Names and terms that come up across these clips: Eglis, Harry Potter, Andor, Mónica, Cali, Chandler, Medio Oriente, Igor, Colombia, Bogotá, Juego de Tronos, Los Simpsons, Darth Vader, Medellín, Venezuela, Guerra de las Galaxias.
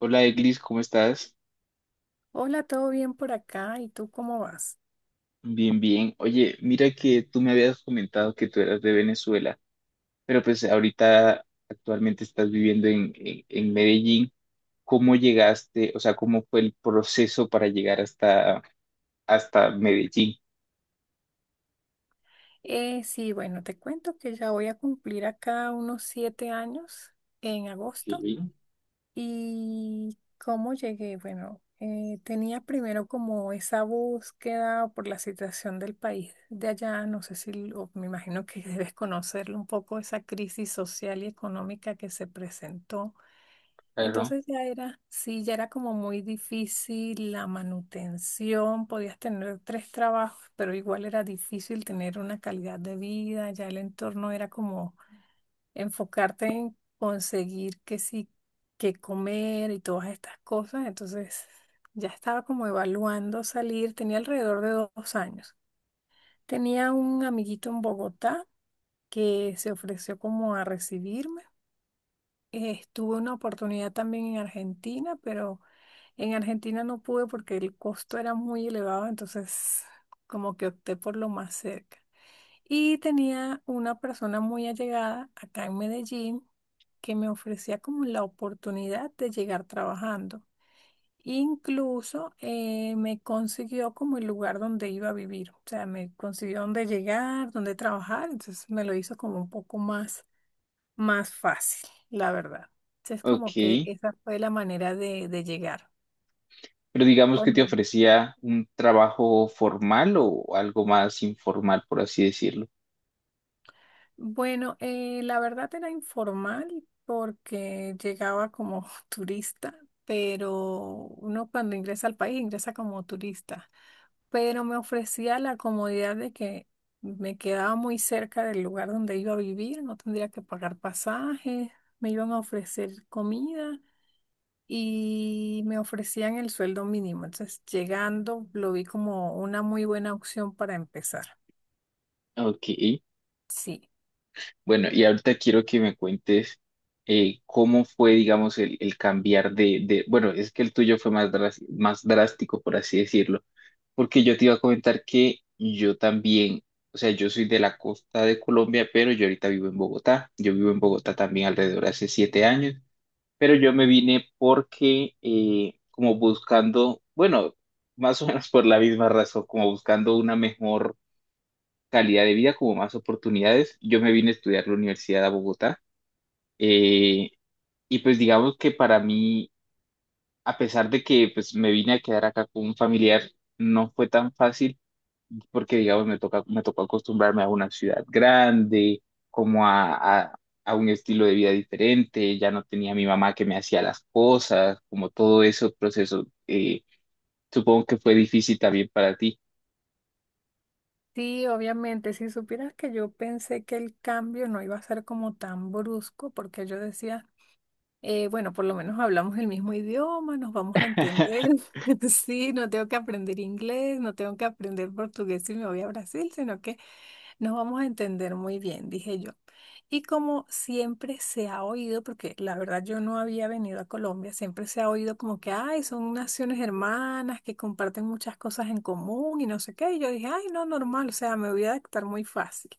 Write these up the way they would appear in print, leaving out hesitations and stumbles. Hola Eglis, ¿cómo estás? Hola, ¿todo bien por acá? ¿Y tú cómo vas? Bien, bien. Oye, mira que tú me habías comentado que tú eras de Venezuela, pero pues ahorita actualmente estás viviendo en Medellín. ¿Cómo llegaste? O sea, ¿cómo fue el proceso para llegar hasta Medellín? Sí, bueno, te cuento que ya voy a cumplir acá unos 7 años en Ok, agosto. ¿Y cómo llegué? Bueno, tenía primero como esa búsqueda por la situación del país de allá. No sé si, me imagino que debes conocerlo un poco, esa crisis social y económica que se presentó. claro. Entonces ya era, sí, ya era como muy difícil la manutención, podías tener tres trabajos, pero igual era difícil tener una calidad de vida, ya el entorno era como enfocarte en conseguir que sí, que comer y todas estas cosas, entonces ya estaba como evaluando salir, tenía alrededor de 2 años. Tenía un amiguito en Bogotá que se ofreció como a recibirme. Tuve una oportunidad también en Argentina, pero en Argentina no pude porque el costo era muy elevado, entonces como que opté por lo más cerca. Y tenía una persona muy allegada acá en Medellín que me ofrecía como la oportunidad de llegar trabajando. Incluso me consiguió como el lugar donde iba a vivir, o sea, me consiguió donde llegar, donde trabajar, entonces me lo hizo como un poco más fácil, la verdad. Entonces, como que Ok. esa fue la manera de llegar. Pero digamos por que te medio- ofrecía un trabajo formal o algo más informal, por así decirlo. Bueno, la verdad era informal porque llegaba como turista, pero uno cuando ingresa al país ingresa como turista. Pero me ofrecía la comodidad de que me quedaba muy cerca del lugar donde iba a vivir, no tendría que pagar pasajes, me iban a ofrecer comida y me ofrecían el sueldo mínimo. Entonces, llegando, lo vi como una muy buena opción para empezar. Ok. Sí, Bueno, y ahorita quiero que me cuentes cómo fue, digamos, el cambiar bueno, es que el tuyo fue más, más drástico, por así decirlo, porque yo te iba a comentar que yo también, o sea, yo soy de la costa de Colombia, pero yo ahorita vivo en Bogotá, yo vivo en Bogotá también alrededor de hace 7 años, pero yo me vine porque como buscando, bueno, más o menos por la misma razón, como buscando una mejor calidad de vida, como más oportunidades, yo me vine a estudiar la universidad a Bogotá. Eh, y pues digamos que para mí, a pesar de que pues me vine a quedar acá con un familiar, no fue tan fácil porque digamos me tocó acostumbrarme a una ciudad grande, como a un estilo de vida diferente, ya no tenía a mi mamá que me hacía las cosas, como todo ese proceso. Supongo que fue difícil también para ti. sí, obviamente, si supieras que yo pensé que el cambio no iba a ser como tan brusco, porque yo decía, bueno, por lo menos hablamos el mismo idioma, nos vamos a entender. Sí, no tengo que aprender inglés, no tengo que aprender portugués si me voy a Brasil, sino que nos vamos a entender muy bien, dije yo. Y como siempre se ha oído, porque la verdad yo no había venido a Colombia, siempre se ha oído como que, ay, son naciones hermanas que comparten muchas cosas en común y no sé qué. Y yo dije, ay, no, normal, o sea, me voy a adaptar muy fácil.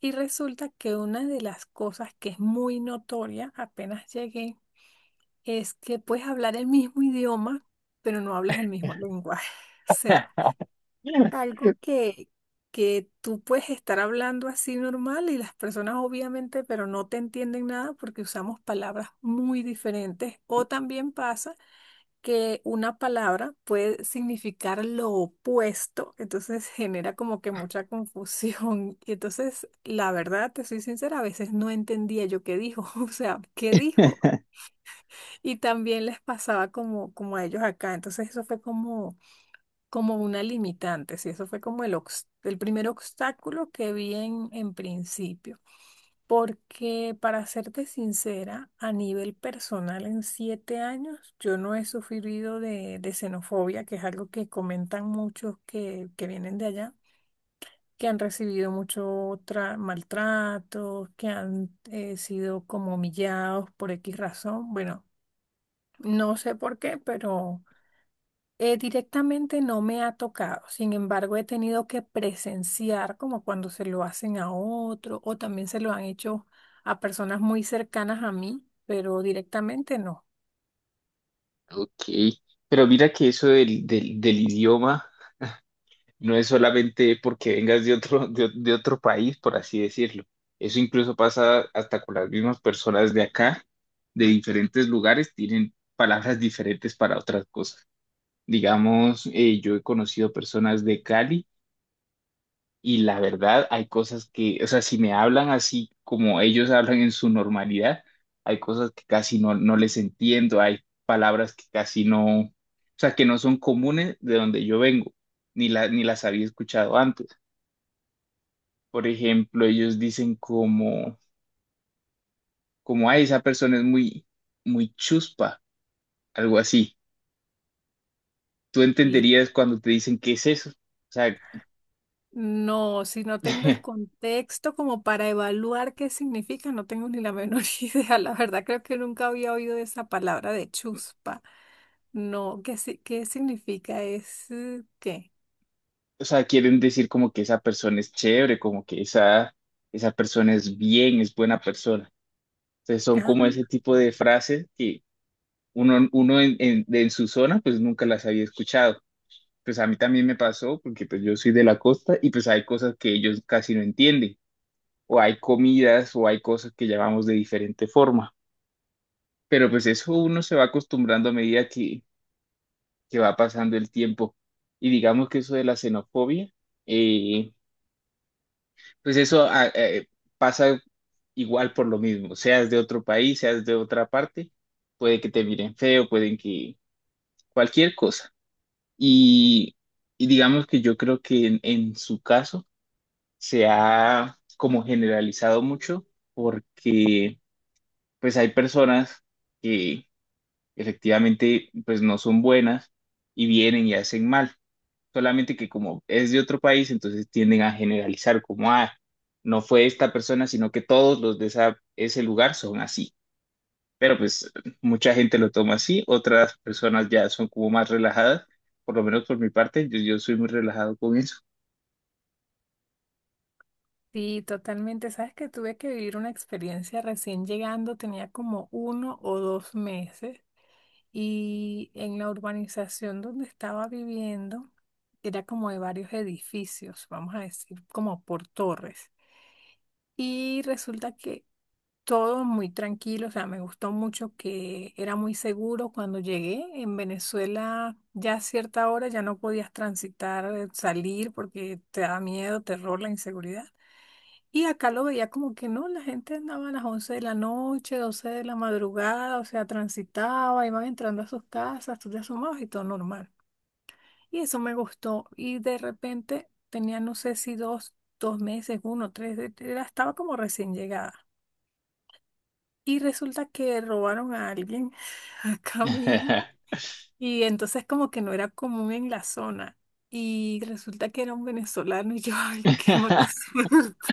Y resulta que una de las cosas que es muy notoria apenas llegué es que puedes hablar el mismo idioma, pero no hablas el mismo lenguaje. O sea, algo que tú puedes estar hablando así normal y las personas obviamente, pero no te entienden nada porque usamos palabras muy diferentes. O también pasa que una palabra puede significar lo opuesto, entonces genera como que mucha confusión. Y entonces, la verdad, te soy sincera, a veces no entendía yo qué dijo, o sea, qué dijo. Y también les pasaba como a ellos acá. Entonces, eso fue como una limitante, sí, eso fue como el primer obstáculo que vi en principio, porque para serte sincera, a nivel personal en 7 años yo no he sufrido de xenofobia, que es algo que comentan muchos que vienen de allá, que han recibido mucho maltrato, que han sido como humillados por X razón, bueno, no sé por qué, pero... Directamente no me ha tocado, sin embargo he tenido que presenciar como cuando se lo hacen a otro o también se lo han hecho a personas muy cercanas a mí, pero directamente no. Ok, pero mira que eso del idioma. No es solamente porque vengas de otro, de otro país, por así decirlo. Eso incluso pasa hasta con las mismas personas de acá, de diferentes lugares, tienen palabras diferentes para otras cosas. Digamos, yo he conocido personas de Cali y la verdad hay cosas que, o sea, si me hablan así como ellos hablan en su normalidad, hay cosas que casi no, no les entiendo, hay palabras que casi no, o sea, que no son comunes de donde yo vengo, ni las había escuchado antes. Por ejemplo, ellos dicen como, ay, esa persona es muy chuspa, algo así. Tú Y entenderías cuando te dicen qué es eso. O sea, no, si no tengo el contexto como para evaluar qué significa, no tengo ni la menor idea. La verdad creo que nunca había oído de esa palabra de chuspa. No, ¿qué, si- qué significa? ¿Es qué? o sea, quieren decir como que esa persona es chévere, como que esa persona es bien, es buena persona. Entonces son como ese tipo de frases que uno en su zona pues nunca las había escuchado. Pues a mí también me pasó porque pues yo soy de la costa y pues hay cosas que ellos casi no entienden. O hay comidas o hay cosas que llamamos de diferente forma. Pero pues eso uno se va acostumbrando a medida que va pasando el tiempo. Y digamos que eso de la xenofobia, eh, pues eso ah, eh, pasa igual por lo mismo, seas de otro país, seas de otra parte, puede que te miren feo, pueden que cualquier cosa. Y, y digamos que yo creo que en su caso se ha como generalizado mucho porque pues hay personas que efectivamente pues no son buenas y vienen y hacen mal, solamente que como es de otro país, entonces tienden a generalizar como, ah, no fue esta persona, sino que todos los de ese lugar son así. Pero pues mucha gente lo toma así, otras personas ya son como más relajadas, por lo menos por mi parte, yo soy muy relajado con eso. Sí, totalmente. Sabes que tuve que vivir una experiencia recién llegando, tenía como 1 o 2 meses y en la urbanización donde estaba viviendo era como de varios edificios, vamos a decir, como por torres. Y resulta que todo muy tranquilo, o sea, me gustó mucho que era muy seguro cuando llegué. En Venezuela ya a cierta hora ya no podías transitar, salir porque te daba miedo, terror, la inseguridad. Y acá lo veía como que no, la gente andaba a las 11 de la noche, 12 de la madrugada, o sea, transitaba, iban entrando a sus casas, tú te asomabas y todo normal. Y eso me gustó. Y de repente tenía, no sé si dos, dos meses, uno, tres, estaba como recién llegada. Y resulta que robaron a alguien acá mismo. Y entonces como que no era común en la zona. Y resulta que era un venezolano y yo, ay, qué mala suerte.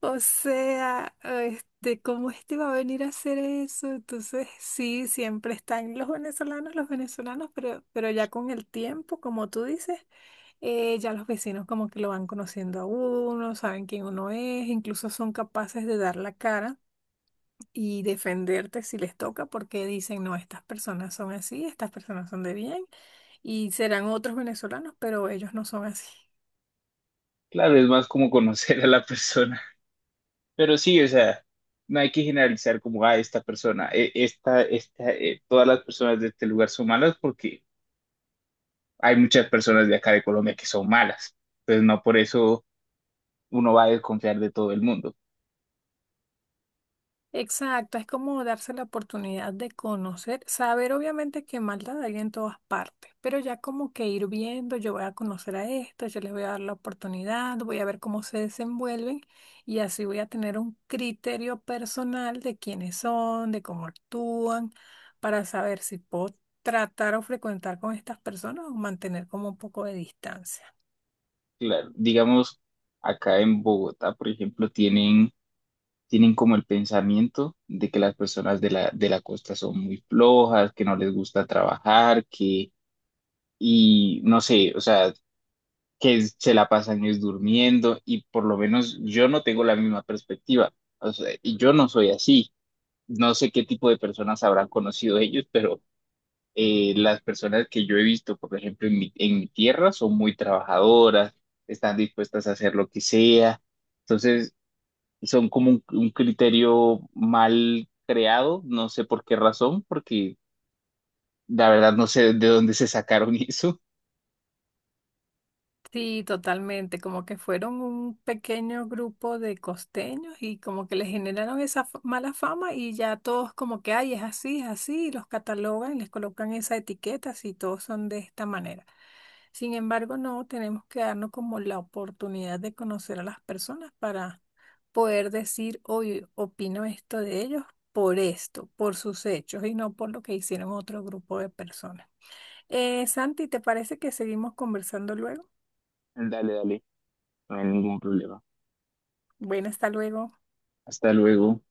O sea, este, ¿cómo este va a venir a hacer eso? Entonces, sí, siempre están los venezolanos, pero ya con el tiempo, como tú dices, ya los vecinos como que lo van conociendo a uno, saben quién uno es, incluso son capaces de dar la cara y defenderte si les toca, porque dicen, no, estas personas son así, estas personas son de bien, y serán otros venezolanos, pero ellos no son así. Claro, es más como conocer a la persona. Pero sí, o sea, no hay que generalizar como, a esta persona, todas las personas de este lugar son malas porque hay muchas personas de acá de Colombia que son malas. Entonces, no por eso uno va a desconfiar de todo el mundo. Exacto, es como darse la oportunidad de conocer, saber obviamente que maldad hay en todas partes, pero ya como que ir viendo, yo voy a conocer a esto, yo les voy a dar la oportunidad, voy a ver cómo se desenvuelven y así voy a tener un criterio personal de quiénes son, de cómo actúan, para saber si puedo tratar o frecuentar con estas personas o mantener como un poco de distancia. Claro, digamos, acá en Bogotá, por ejemplo, tienen como el pensamiento de que las personas de la costa son muy flojas, que no les gusta trabajar, que, y no sé, o sea, que se la pasan es durmiendo y por lo menos yo no tengo la misma perspectiva. O sea, y yo no soy así. No sé qué tipo de personas habrán conocido ellos, pero las personas que yo he visto, por ejemplo, en mi tierra son muy trabajadoras, están dispuestas a hacer lo que sea. Entonces, son como un criterio mal creado, no sé por qué razón, porque la verdad no sé de dónde se sacaron eso. Sí, totalmente, como que fueron un pequeño grupo de costeños y como que les generaron esa mala fama y ya todos como que, ay, es así, y los catalogan, y les colocan esa etiqueta, si todos son de esta manera. Sin embargo, no tenemos que darnos como la oportunidad de conocer a las personas para poder decir, oye, opino esto de ellos por esto, por sus hechos y no por lo que hicieron otro grupo de personas. Santi, ¿te parece que seguimos conversando luego? Dale, dale, no hay ningún problema. Bueno, hasta luego. Hasta luego.